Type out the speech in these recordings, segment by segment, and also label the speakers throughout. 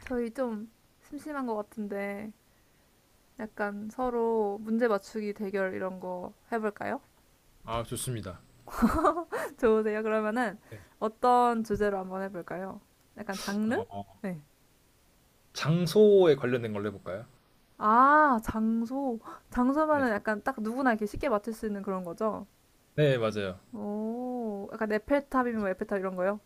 Speaker 1: 저희 좀 심심한 것 같은데 약간 서로 문제 맞추기 대결 이런 거 해볼까요?
Speaker 2: 아, 좋습니다.
Speaker 1: 좋으세요? 그러면은
Speaker 2: 네.
Speaker 1: 어떤 주제로 한번 해볼까요? 약간 장르?
Speaker 2: 어,
Speaker 1: 네.
Speaker 2: 장소에 관련된 걸로 해볼까요?
Speaker 1: 아, 장소. 장소면은
Speaker 2: 네,
Speaker 1: 약간 딱 누구나 이렇게 쉽게 맞출 수 있는 그런 거죠?
Speaker 2: 네, 맞아요.
Speaker 1: 오, 약간 에펠탑이면 뭐 에펠탑 이런 거요?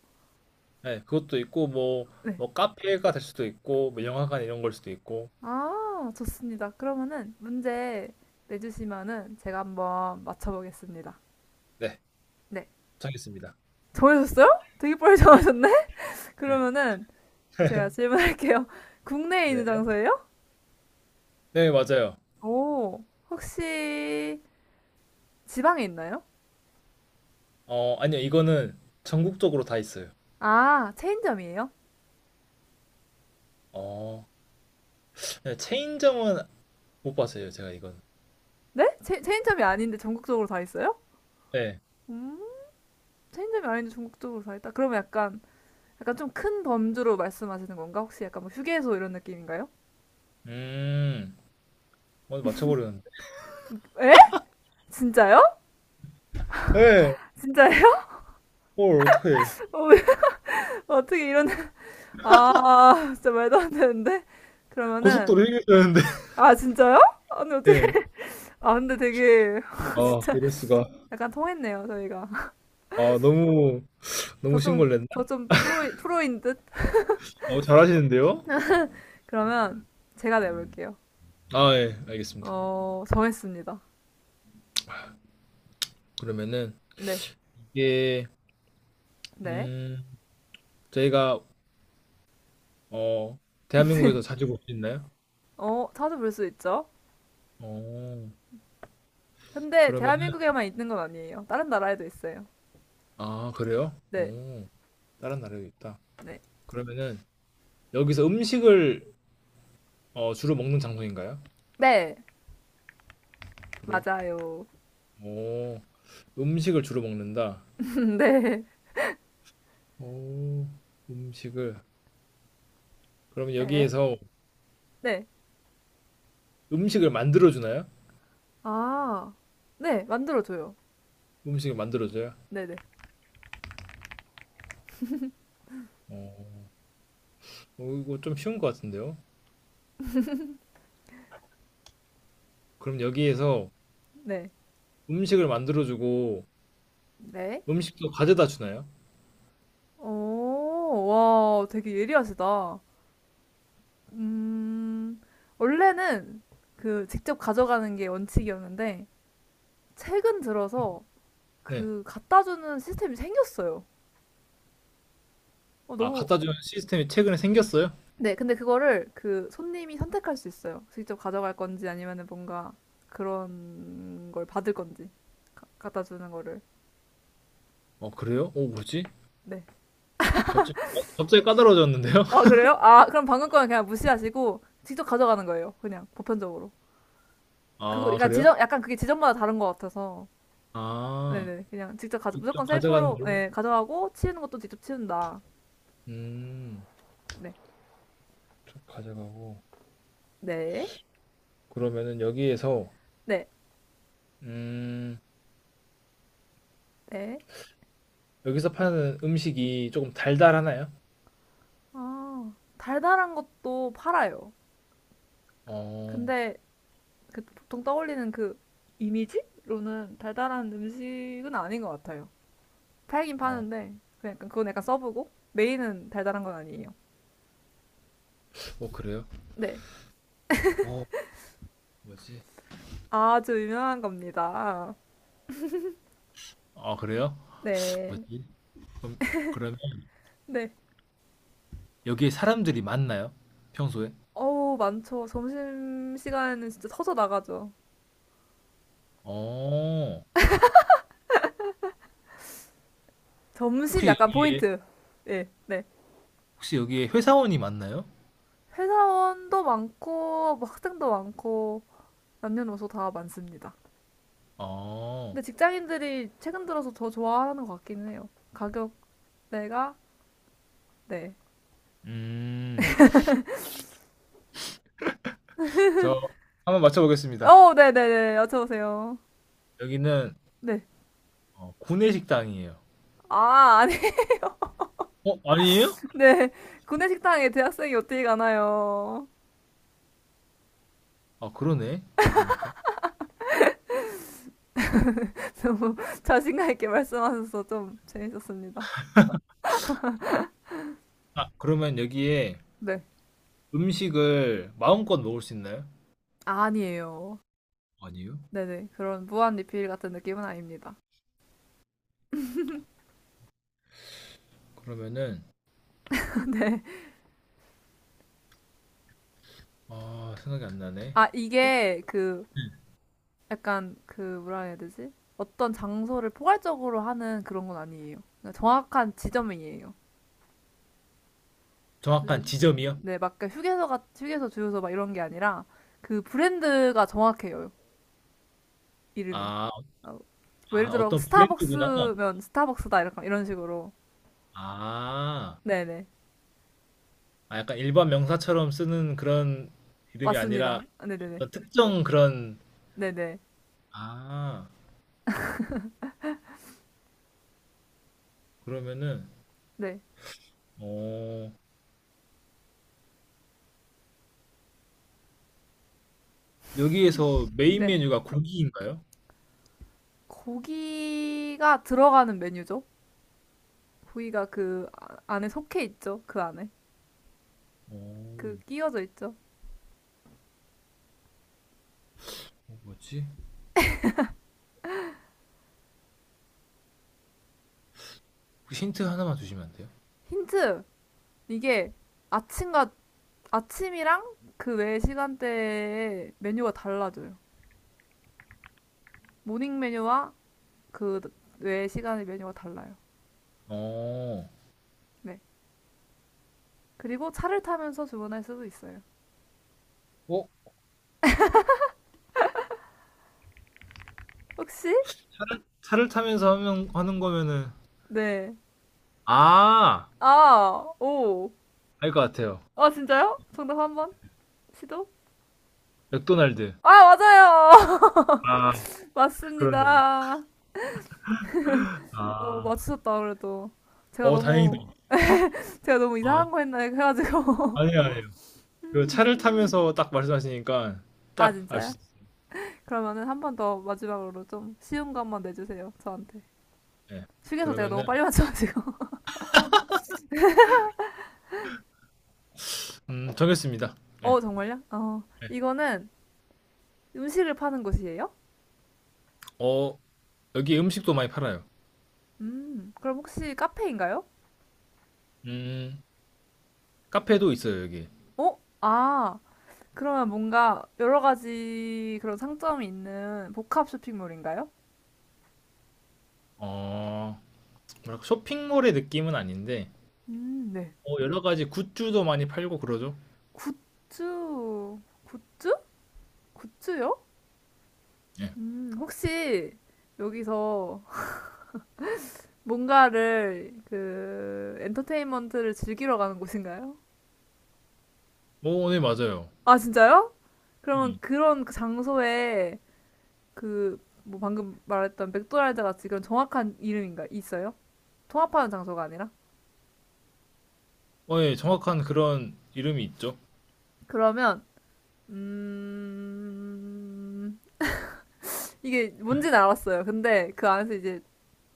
Speaker 2: 네, 그것도 있고, 뭐,
Speaker 1: 네.
Speaker 2: 카페가 될 수도 있고, 뭐, 영화관 이런 걸 수도 있고,
Speaker 1: 아, 좋습니다. 그러면은 문제 내주시면은 제가 한번 맞춰보겠습니다.
Speaker 2: 네,
Speaker 1: 네.
Speaker 2: 정했습니다.
Speaker 1: 정해졌어요? 되게 빨리
Speaker 2: 네,
Speaker 1: 정하셨네?
Speaker 2: 네.
Speaker 1: 그러면은 제가 질문할게요. 국내에 있는
Speaker 2: 네,
Speaker 1: 장소예요?
Speaker 2: 네, 맞아요.
Speaker 1: 오. 혹시 지방에 있나요?
Speaker 2: 아니요, 이거는 전국적으로 다 있어요.
Speaker 1: 아, 체인점이에요?
Speaker 2: 어, 네, 체인점은 못 봤어요, 제가 이건.
Speaker 1: 네? 체인점이 아닌데 전국적으로 다 있어요?
Speaker 2: 네,
Speaker 1: 음, 체인점이 아닌데 전국적으로 다 있다. 그러면 약간 좀 큰 범주로 말씀하시는 건가? 혹시 약간 뭐 휴게소 이런 느낌인가요?
Speaker 2: 음, 맞춰버렸는데.
Speaker 1: 에? 진짜요?
Speaker 2: 네,
Speaker 1: 진짜예요?
Speaker 2: 뭘, 어떡해.
Speaker 1: 어, 왜- 어떻게 이런 아, 진짜 말도 안 되는데. 그러면은
Speaker 2: 고속도로 얘기했는데
Speaker 1: 아, 진짜요? 아니 어떻게?
Speaker 2: 네.
Speaker 1: 아, 근데 되게
Speaker 2: 아,
Speaker 1: 진짜
Speaker 2: 이럴 수가.
Speaker 1: 약간 통했네요, 저희가.
Speaker 2: 아, 너무
Speaker 1: 저 좀,
Speaker 2: 신고를
Speaker 1: 저
Speaker 2: 냈나?
Speaker 1: 좀 프로인 듯?
Speaker 2: 너무 잘하시는데요?
Speaker 1: 그러면 제가 내볼게요.
Speaker 2: 아, 예, 알겠습니다.
Speaker 1: 어, 정했습니다.
Speaker 2: 그러면은
Speaker 1: 네,
Speaker 2: 이게
Speaker 1: 네.
Speaker 2: 음, 저희가 어, 대한민국에서 자주 볼 수 있나요?
Speaker 1: 어, 찾아볼 수 있죠.
Speaker 2: 어,
Speaker 1: 근데
Speaker 2: 그러면은
Speaker 1: 대한민국에만 있는 건 아니에요. 다른 나라에도 있어요.
Speaker 2: 아, 그래요?
Speaker 1: 네,
Speaker 2: 다른 나라에도 있다.
Speaker 1: 네.
Speaker 2: 그러면은 여기서 음식을 주로 먹는 장소인가요?
Speaker 1: 네,
Speaker 2: 주로.
Speaker 1: 맞아요.
Speaker 2: 어, 음식을 주로 먹는다.
Speaker 1: 네,
Speaker 2: 어, 음식을. 그러면
Speaker 1: 네,
Speaker 2: 여기에서
Speaker 1: 네.
Speaker 2: 음식을 만들어 주나요?
Speaker 1: 아, 네, 만들어줘요.
Speaker 2: 음식을 만들어 줘요?
Speaker 1: 네네, 네,
Speaker 2: 어. 어, 이거 좀 쉬운 것 같은데요? 그럼 여기에서
Speaker 1: 네.
Speaker 2: 음식을 만들어주고
Speaker 1: 네.
Speaker 2: 음식도 가져다 주나요?
Speaker 1: 오, 와, 되게 예리하시다. 음, 원래는 그 직접 가져가는 게 원칙이었는데, 최근 들어서
Speaker 2: 네.
Speaker 1: 그 갖다 주는 시스템이 생겼어요. 어,
Speaker 2: 아,
Speaker 1: 너무
Speaker 2: 갖다 주는 시스템이 최근에 생겼어요?
Speaker 1: 네, 근데 그거를 그 손님이 선택할 수 있어요. 직접 가져갈 건지 아니면은 뭔가 그런 걸 받을 건지 갖다 주는 거를.
Speaker 2: 어, 그래요? 어, 뭐지?
Speaker 1: 네.
Speaker 2: 갑자기, 어, 갑자기 까다로워졌는데요?
Speaker 1: 어, 그래요? 아, 그럼 방금 거는 그냥 무시하시고 직접 가져가는 거예요. 그냥 보편적으로. 그거
Speaker 2: 아,
Speaker 1: 약간
Speaker 2: 그래요?
Speaker 1: 지점 약간 그게 지점마다 다른 것 같아서.
Speaker 2: 아,
Speaker 1: 네네. 그냥 직접 가져
Speaker 2: 직접
Speaker 1: 무조건
Speaker 2: 가져가는
Speaker 1: 셀프로
Speaker 2: 걸로?
Speaker 1: 네, 가져가고 치우는 것도 직접 치운다.
Speaker 2: 음,
Speaker 1: 네.
Speaker 2: 쭉 가져가고.
Speaker 1: 네.
Speaker 2: 그러면은 여기에서,
Speaker 1: 네.
Speaker 2: 음,
Speaker 1: 네.
Speaker 2: 여기서 파는 음식이 조금 달달하나요?
Speaker 1: 아, 달달한 것도 팔아요.
Speaker 2: 어,
Speaker 1: 근데 그 보통 떠올리는 그 이미지로는 달달한 음식은 아닌 것 같아요. 팔긴
Speaker 2: 어,
Speaker 1: 파는데 그 약간 그건 약간 서브고 메인은 달달한 건 아니에요.
Speaker 2: 어, 그래요?
Speaker 1: 네,
Speaker 2: 어, 뭐지?
Speaker 1: 아주 유명한 겁니다.
Speaker 2: 아, 그래요?
Speaker 1: 네,
Speaker 2: 뭐지? 그럼, 그러면
Speaker 1: 네.
Speaker 2: 여기에 사람들이 많나요? 평소에?
Speaker 1: 어우 많죠. 점심 시간에는 진짜 터져 나가죠.
Speaker 2: 어,
Speaker 1: 점심
Speaker 2: 혹시
Speaker 1: 약간
Speaker 2: 여기에,
Speaker 1: 포인트. 네, 네.
Speaker 2: 혹시 여기에 회사원이 많나요?
Speaker 1: 회사원도 많고 뭐 학생도 많고 남녀노소 다 많습니다.
Speaker 2: 어,
Speaker 1: 근데 직장인들이 최근 들어서 더 좋아하는 것 같기는 해요. 가격대가, 네.
Speaker 2: 음, 저 한번 맞춰보겠습니다.
Speaker 1: 어, 네네네. 여쭤보세요.
Speaker 2: 여기는
Speaker 1: 네.
Speaker 2: 구내식당이에요.
Speaker 1: 아, 아니,
Speaker 2: 어, 아니에요?
Speaker 1: 네. 구내 식당에 대학생이 어떻게 가나요?
Speaker 2: 아, 그러네. 그러고 보니까.
Speaker 1: 너무 자신감 있게 말씀하셔서 좀 재밌었습니다.
Speaker 2: 아, 그러면 여기에
Speaker 1: 네.
Speaker 2: 음식을 마음껏 먹을 수 있나요?
Speaker 1: 아니에요.
Speaker 2: 아니요.
Speaker 1: 네네. 그런 무한 리필 같은 느낌은 아닙니다.
Speaker 2: 그러면은,
Speaker 1: 네.
Speaker 2: 아, 생각이 안 나네.
Speaker 1: 아, 이게 그, 약간 그, 뭐라 해야 되지? 어떤 장소를 포괄적으로 하는 그런 건 아니에요. 그 정확한 지점이에요.
Speaker 2: 정확한
Speaker 1: 그,
Speaker 2: 지점이요?
Speaker 1: 네, 막 그 휴게소 주유소 막 이런 게 아니라 그 브랜드가 정확해요. 이름이.
Speaker 2: 아,
Speaker 1: 어, 뭐 예를
Speaker 2: 아,
Speaker 1: 들어
Speaker 2: 어떤 브랜드구나.
Speaker 1: 스타벅스면 스타벅스다 이런 식으로.
Speaker 2: 아,
Speaker 1: 네, 네.
Speaker 2: 아 약간 일반 명사처럼 쓰는 그런 이름이 아니라
Speaker 1: 맞습니다. 네, 네, 네.
Speaker 2: 어떤 특정 그런
Speaker 1: 네, 네.
Speaker 2: 아 그러면은
Speaker 1: 네.
Speaker 2: 어 여기에서 메인
Speaker 1: 네.
Speaker 2: 메뉴가 고기인가요?
Speaker 1: 고기가 들어가는 메뉴죠. 고기가 그 아- 안에 속해 있죠. 그 안에.
Speaker 2: 어
Speaker 1: 그 끼워져 있죠.
Speaker 2: 어, 뭐지? 혹시 힌트 하나만 주시면 안 돼요?
Speaker 1: 힌트. 이게 아침과 아침이랑 그 외 시간대에 메뉴가 달라져요. 모닝 메뉴와 그 외 시간의 메뉴가 달라요.
Speaker 2: 어,
Speaker 1: 네. 그리고 차를 타면서 주문할 수도 있어요.
Speaker 2: 어?
Speaker 1: 혹시?
Speaker 2: 하는 거면은
Speaker 1: 네.
Speaker 2: 아!
Speaker 1: 아, 오.
Speaker 2: 알 것 같아요.
Speaker 1: 아, 진짜요? 정답 한 번? 시도?
Speaker 2: 맥도날드.
Speaker 1: 아, 맞아요!
Speaker 2: 아, 그러네요.
Speaker 1: 맞습니다. 어,
Speaker 2: 아.
Speaker 1: 맞추셨다, 그래도. 제가
Speaker 2: 어, 다행이다.
Speaker 1: 너무, 제가 너무
Speaker 2: 아,
Speaker 1: 이상한 거 했나 해가지고.
Speaker 2: 아니에요. 그 차를 타면서 딱 말씀하시니까
Speaker 1: 아,
Speaker 2: 딱 알
Speaker 1: 진짜요?
Speaker 2: 수
Speaker 1: 그러면은 한 번 더 마지막으로 좀 쉬운 거 한번 내주세요, 저한테.
Speaker 2: 있어요. 네.
Speaker 1: 휴게소 제가 너무
Speaker 2: 그러면은
Speaker 1: 빨리 맞춰가지고.
Speaker 2: 정했습니다. 예.
Speaker 1: 어, 정말요? 어,
Speaker 2: 예.
Speaker 1: 이거는 음식을 파는 곳이에요?
Speaker 2: 어, 여기 음식도 많이 팔아요.
Speaker 1: 그럼 혹시 카페인가요?
Speaker 2: 음, 카페도 있어요, 여기.
Speaker 1: 어? 아, 그러면 뭔가 여러 가지 그런 상점이 있는 복합 쇼핑몰인가요?
Speaker 2: 어, 뭐랄까, 쇼핑몰의 느낌은 아닌데,
Speaker 1: 네.
Speaker 2: 여러 가지 굿즈도 많이 팔고 그러죠.
Speaker 1: 굿즈, 굿즈? 굿즈요?
Speaker 2: 예.
Speaker 1: 혹시 여기서 뭔가를 그 엔터테인먼트를 즐기러 가는 곳인가요?
Speaker 2: 오, 네, 맞아요.
Speaker 1: 아, 진짜요? 그러면
Speaker 2: 음.
Speaker 1: 그런 그 장소에 그 뭐 방금 말했던 맥도날드 같이 그런 정확한 이름인가 있어요? 통합하는 장소가 아니라?
Speaker 2: 어, 예, 정확한 그런 이름이 있죠.
Speaker 1: 그러면 음, 이게 뭔지는 알았어요. 근데 그 안에서 이제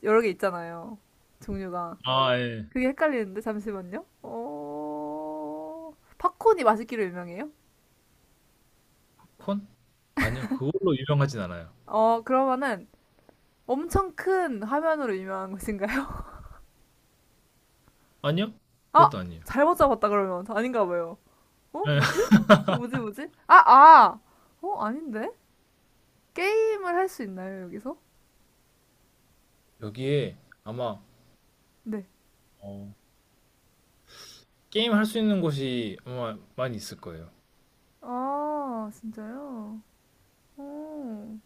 Speaker 1: 여러 개 있잖아요. 종류가.
Speaker 2: 아, 예.
Speaker 1: 그게 헷갈리는데, 잠시만요. 어, 팝콘이 맛있기로 유명해요?
Speaker 2: 콘? 아니요, 그걸로 유명하진 않아요.
Speaker 1: 어, 그러면은 엄청 큰 화면으로 유명한 것인가요?
Speaker 2: 아니요?
Speaker 1: 아!
Speaker 2: 그것도 아니에요.
Speaker 1: 잘못 잡았다, 그러면. 아닌가 봐요. 어,
Speaker 2: 예.
Speaker 1: 뭐지? 뭐지? 아, 아! 어, 아닌데? 게임을 할 수 있나요, 여기서?
Speaker 2: 여기에 아마,
Speaker 1: 네.
Speaker 2: 어, 게임 할 수 있는 곳이 아마 많이 있을 거예요.
Speaker 1: 아, 진짜요? 어.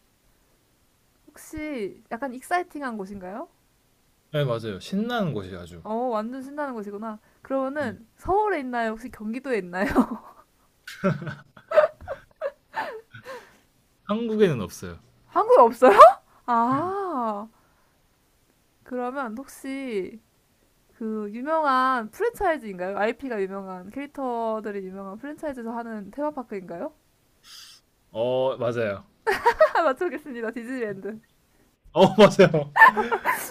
Speaker 1: 혹시 약간 익사이팅한 곳인가요?
Speaker 2: 네, 맞아요. 신나는 곳이 아주.
Speaker 1: 어, 완전 신나는 곳이구나.
Speaker 2: 예.
Speaker 1: 그러면은 서울에 있나요? 혹시 경기도에 있나요?
Speaker 2: 한국에는 없어요.
Speaker 1: 한국에 없어요?
Speaker 2: 예.
Speaker 1: 아, 그러면 혹시 그 유명한 프랜차이즈인가요? IP가 유명한 캐릭터들이 유명한 프랜차이즈에서 하는 테마파크인가요?
Speaker 2: 어, 맞아요.
Speaker 1: 맞춰보겠습니다. 디즈니랜드.
Speaker 2: 어, 맞아요.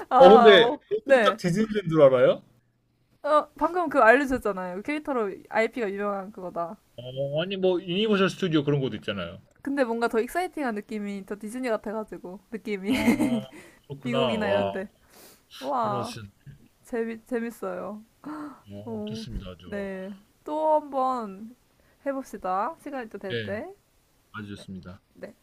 Speaker 1: 아,
Speaker 2: 어, 근데
Speaker 1: 어,
Speaker 2: 어떻게 딱
Speaker 1: 네.
Speaker 2: 디즈니랜드 줄 알아요?
Speaker 1: 어, 방금 그 알려주셨잖아요. 그 캐릭터로 IP가 유명한 그거다.
Speaker 2: 어, 아니 뭐 유니버셜 스튜디오 그런 곳도 있잖아요.
Speaker 1: 근데 뭔가 더 익사이팅한 느낌이 더 디즈니 같아가지고 느낌이
Speaker 2: 아, 그렇구나.
Speaker 1: 미국이나
Speaker 2: 와,
Speaker 1: 이런데.
Speaker 2: 바로
Speaker 1: 와.
Speaker 2: 맞추신.
Speaker 1: 재밌어요.
Speaker 2: 어,
Speaker 1: 오,
Speaker 2: 좋습니다. 아주.
Speaker 1: 네. 또 한번 해봅시다. 시간이 또 될
Speaker 2: 네,
Speaker 1: 때.
Speaker 2: 아주
Speaker 1: 네.
Speaker 2: 좋습니다.
Speaker 1: 네.